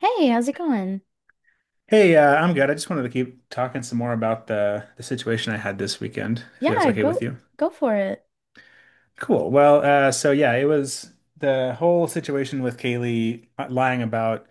Hey, how's it going? Hey, I'm good. I just wanted to keep talking some more about the situation I had this weekend, if that's Yeah, okay with go you. go for it. Cool. Well, so yeah, it was the whole situation with Kaylee lying about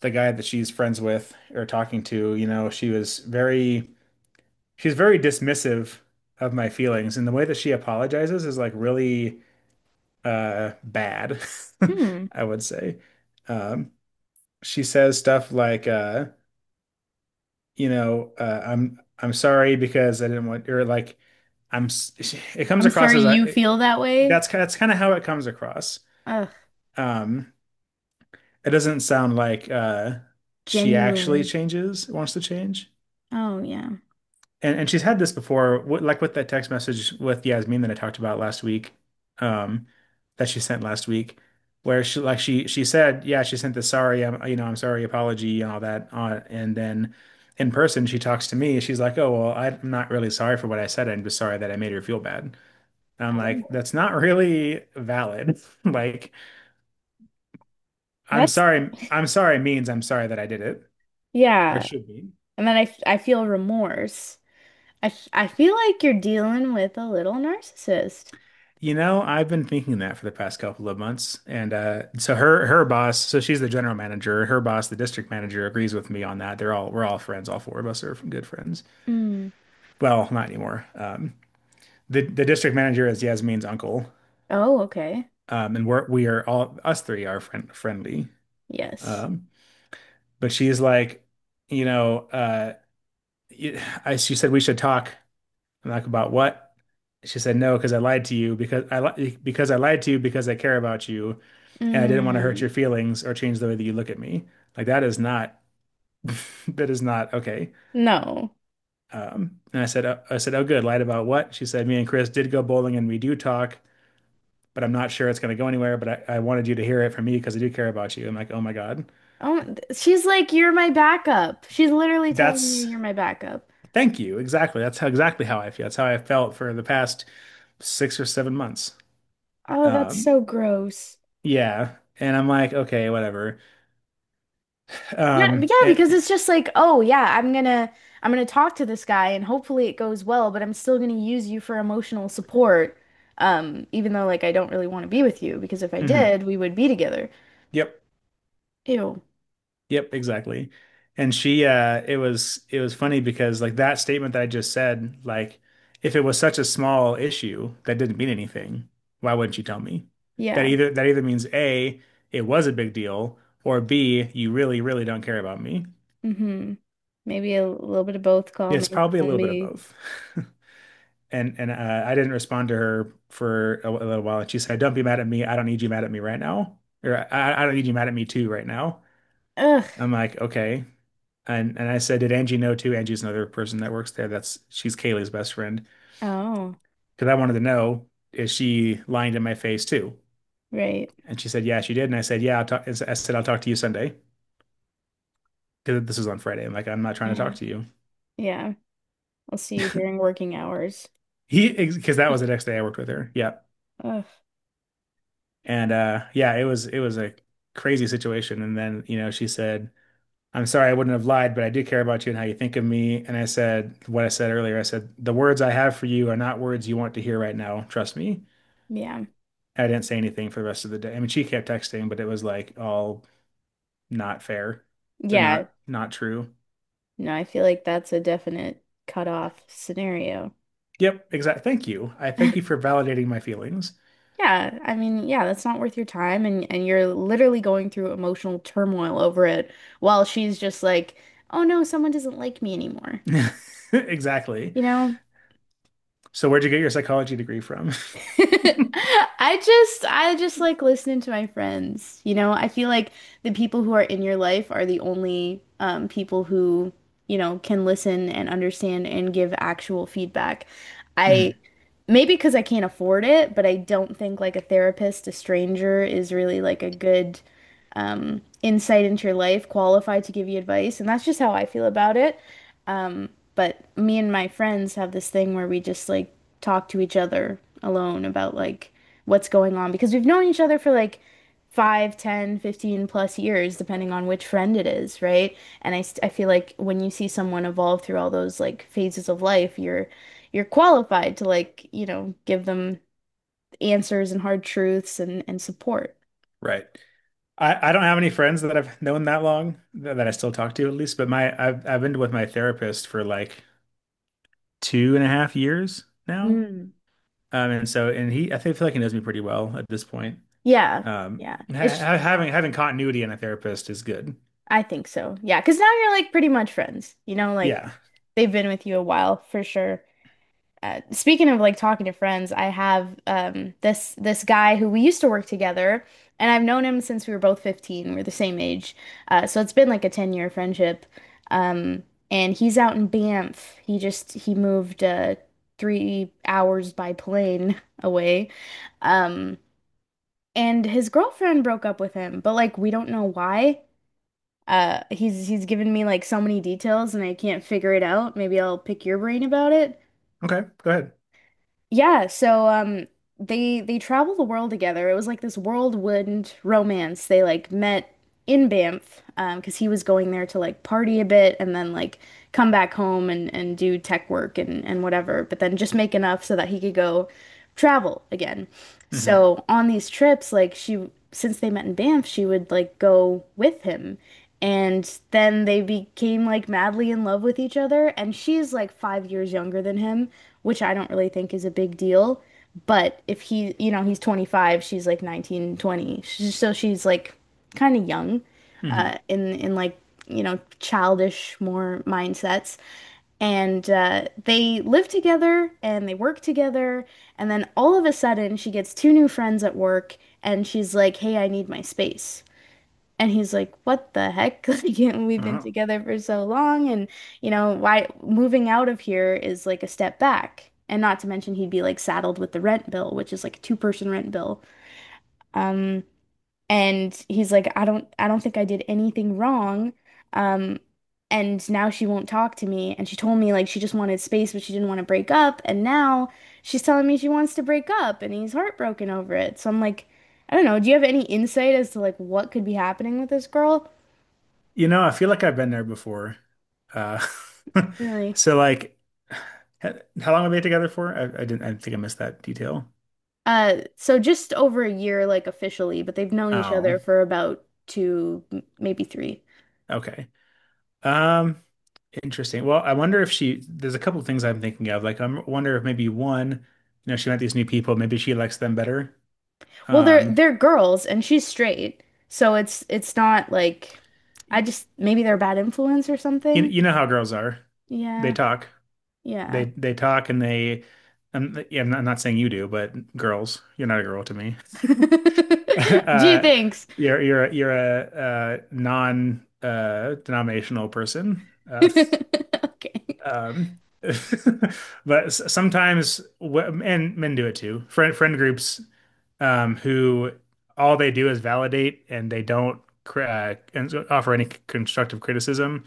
the guy that she's friends with or talking to. You know, she was very she's very dismissive of my feelings, and the way that she apologizes is like really bad, Hmm. I would say. Um, she says stuff like, you know, I'm sorry because I didn't want or like I'm s- it comes I'm across sorry as I you it, feel that way. That's kind of how it comes across. Ugh. Um, it doesn't sound like she actually Genuine. changes, wants to change. Oh, yeah. And she's had this before, like with that text message with Yasmin that I talked about last week, um, that she sent last week, where she said, yeah, she sent the sorry, I'm I'm sorry apology and all that on, and then in person she talks to me, she's like, oh well, I'm not really sorry for what I said, I'm just sorry that I made her feel bad. And I'm like, Oh, that's not really valid. Like, that's, I'm sorry means I'm sorry that I did it, or it yeah. should be. And then I feel remorse. I feel like you're dealing with a little narcissist. You know, I've been thinking that for the past couple of months. And so her boss, so she's the general manager. Her boss, the district manager, agrees with me on that. They're all we're all friends. All four of us are good friends. Mm. Well, not anymore. The district manager is Yasmin's uncle, Oh, okay. And we are all us three are friendly. Yes. Um, but she's like, you know, she said we should talk. I'm like, about what? She said, no, because I lied to you because I li because I lied to you because I care about you, and I didn't want to hurt Mm, your feelings or change the way that you look at me. Like that is not that is not okay. no. And I said, oh, good. Lied about what? She said, me and Chris did go bowling and we do talk, but I'm not sure it's going to go anywhere. But I wanted you to hear it from me because I do care about you. I'm like, oh my God, Oh, she's like, you're my backup. She's literally telling you that's you're my backup. thank you. Exactly. That's how exactly how I feel. That's how I felt for the past 6 or 7 months. Oh, that's Um, so gross. Yeah. And I'm like, okay, whatever. Yeah, yeah, Um, it, because it's just like, oh yeah, I'm gonna talk to this guy and hopefully it goes well, but I'm still gonna use you for emotional support, even though like I don't really want to be with you because if I mhm. did, we would be together. Yep. Ew. Yep, exactly. And she it was funny because like that statement that I just said, like if it was such a small issue that didn't mean anything, why wouldn't you tell me? Yeah. That either means A, it was a big deal, or B, you really, really don't care about me. Mm-hmm. Maybe a little bit of both, call It's me probably a little bit of zombie. both. And I didn't respond to her for a little while, and she said, "Don't be mad at me. I don't need you mad at me right now, or I don't need you mad at me too right now." Ugh. I'm like, okay, and I said, "Did Angie know too?" Angie's another person that works there. That's She's Kaylee's best friend Oh, because I wanted to know is she lying to my face too? right. And she said, "Yeah, she did." And I said, "Yeah, I'll talk." I said, "I'll talk to you Sunday because this was on Friday." I'm like, "I'm not trying to Yeah. talk to you." Yeah. I'll see you during working hours. He because that was the next day I worked with her. Yeah, Ugh. and yeah, it was a crazy situation. And then you know she said I'm sorry I wouldn't have lied, but I do care about you and how you think of me. And I said what I said earlier. I said, the words I have for you are not words you want to hear right now. Trust me. Yeah. I didn't say anything for the rest of the day. I mean, she kept texting, but it was like all not fair or Yeah. Not true. No, I feel like that's a definite cutoff scenario. Yep, exactly. Thank you. I thank you for validating my feelings. Yeah, I mean, yeah, that's not worth your time and you're literally going through emotional turmoil over it while she's just like, "Oh no, someone doesn't like me anymore." Exactly. You know? So where'd you get your psychology degree from? I just like listening to my friends. You know, I feel like the people who are in your life are the only people who can listen and understand and give actual feedback. I Mhm. Maybe because I can't afford it, but I don't think like a therapist, a stranger is really like a good insight into your life, qualified to give you advice. And that's just how I feel about it. Um, but me and my friends have this thing where we just like talk to each other alone about like what's going on because we've known each other for like five, ten, 15 plus years, depending on which friend it is, right? And I feel like when you see someone evolve through all those like phases of life, you're qualified to like, give them answers and hard truths and support. Right. I don't have any friends that I've known that long that I still talk to at least, but my I've been with my therapist for like two and a half years now. Hmm. And he I think feel like he knows me pretty well at this point. Yeah. Yeah. It's Having continuity in a therapist is good. I think so. Yeah, because now you're like pretty much friends. You know, like Yeah. they've been with you a while for sure. Speaking of like talking to friends, I have this guy who we used to work together and I've known him since we were both 15. We're the same age. So it's been like a 10-year friendship. Um and he's out in Banff. He moved 3 hours by plane away. Um, and his girlfriend broke up with him, but like we don't know why. He's given me like so many details and I can't figure it out. Maybe I'll pick your brain about it. Okay. Go ahead. Yeah, so they travel the world together. It was like this whirlwind romance. They like met in Banff because he was going there to like party a bit and then like come back home and do tech work and whatever, but then just make enough so that he could go travel again. hmm So on these trips, like she, since they met in Banff, she would like go with him. And then they became like madly in love with each other. And she's like 5 years younger than him, which I don't really think is a big deal. But if he, he's 25, she's like 19, 20. So she's like kind of young, hmm in like, childish more mindsets. And they live together and they work together. And then all of a sudden, she gets two new friends at work and she's like, "Hey, I need my space." And he's like, "What the heck?" Like, we've been Well, together for so long. And, why moving out of here is like a step back. And not to mention, he'd be like saddled with the rent bill, which is like a two-person rent bill. Um, and he's like, I don't think I did anything wrong." Um, and now she won't talk to me. And she told me like she just wanted space, but she didn't want to break up. And now she's telling me she wants to break up and he's heartbroken over it. So I'm like, I don't know, do you have any insight as to like what could be happening with this girl? you know, I feel like I've been there before. Uh, Really? so like, h- how long have we been together for? I didn't I think I missed that detail. So just over a year, like officially, but they've known each Oh, other for about two, maybe three. okay. Um. Interesting. Well, I wonder if she, there's a couple of things I'm thinking of. Like, I wonder if maybe one, you know, she met these new people, maybe she likes them better. Well, they're Um, they're girls and she's straight. So it's not like I y- just maybe they're a bad influence or you, something. you know how girls are. They Yeah. talk. Yeah. They talk and like, yeah, I'm not saying you do, but girls, you're not a girl to me. Gee, Uh, thanks. you're you're a, non denominational person. Okay. Um, but sometimes, and men do it too. Friend groups, who all they do is validate and they don't offer any constructive criticism.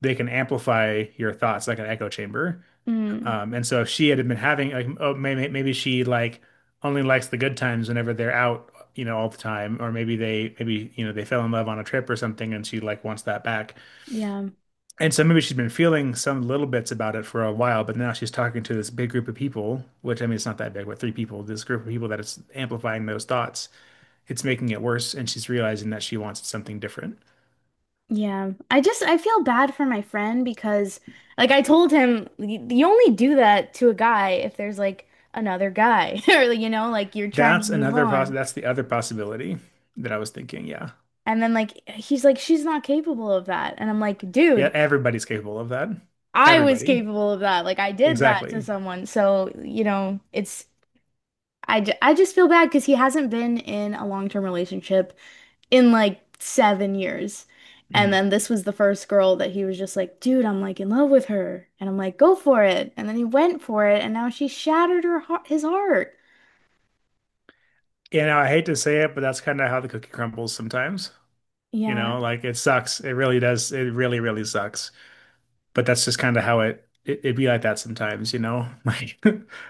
They can amplify your thoughts like an echo chamber. Mm, And so if she had been having like, oh, maybe she like only likes the good times whenever they're out, you know, all the time, or maybe you know they fell in love on a trip or something, and she like wants that back. yeah. And so maybe she's been feeling some little bits about it for a while, but now she's talking to this big group of people, which I mean, it's not that big, but three people, this group of people that is amplifying those thoughts. It's making it worse, and she's realizing that she wants something different. Yeah. I feel bad for my friend because like I told him you only do that to a guy if there's like another guy or like, like you're trying to move on. That's the other possibility that I was thinking. Yeah. And then like he's like she's not capable of that. And I'm like, Yeah, dude, everybody's capable of that. I was Everybody. capable of that. Like I did that to Exactly. someone. So, I just feel bad because he hasn't been in a long-term relationship in like 7 years. And Mhm. then this was the first girl that he was just like, dude, I'm like in love with her. And I'm like, go for it. And then he went for it, and now she shattered her heart, his heart. You know, I hate to say it, but that's kind of how the cookie crumbles sometimes. You Yeah. know, like it sucks. It really does. It really, really sucks. But that's just kind of how it it'd be like that sometimes, you know? Like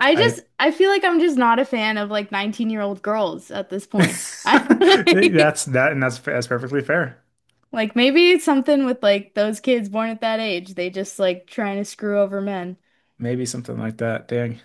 I I just I feel like I'm just not a fan of like 19-year-old girls at this point. that's that and that's perfectly fair. Like maybe it's something with like those kids born at that age. They just like trying to screw over men. Maybe something like that. Dang.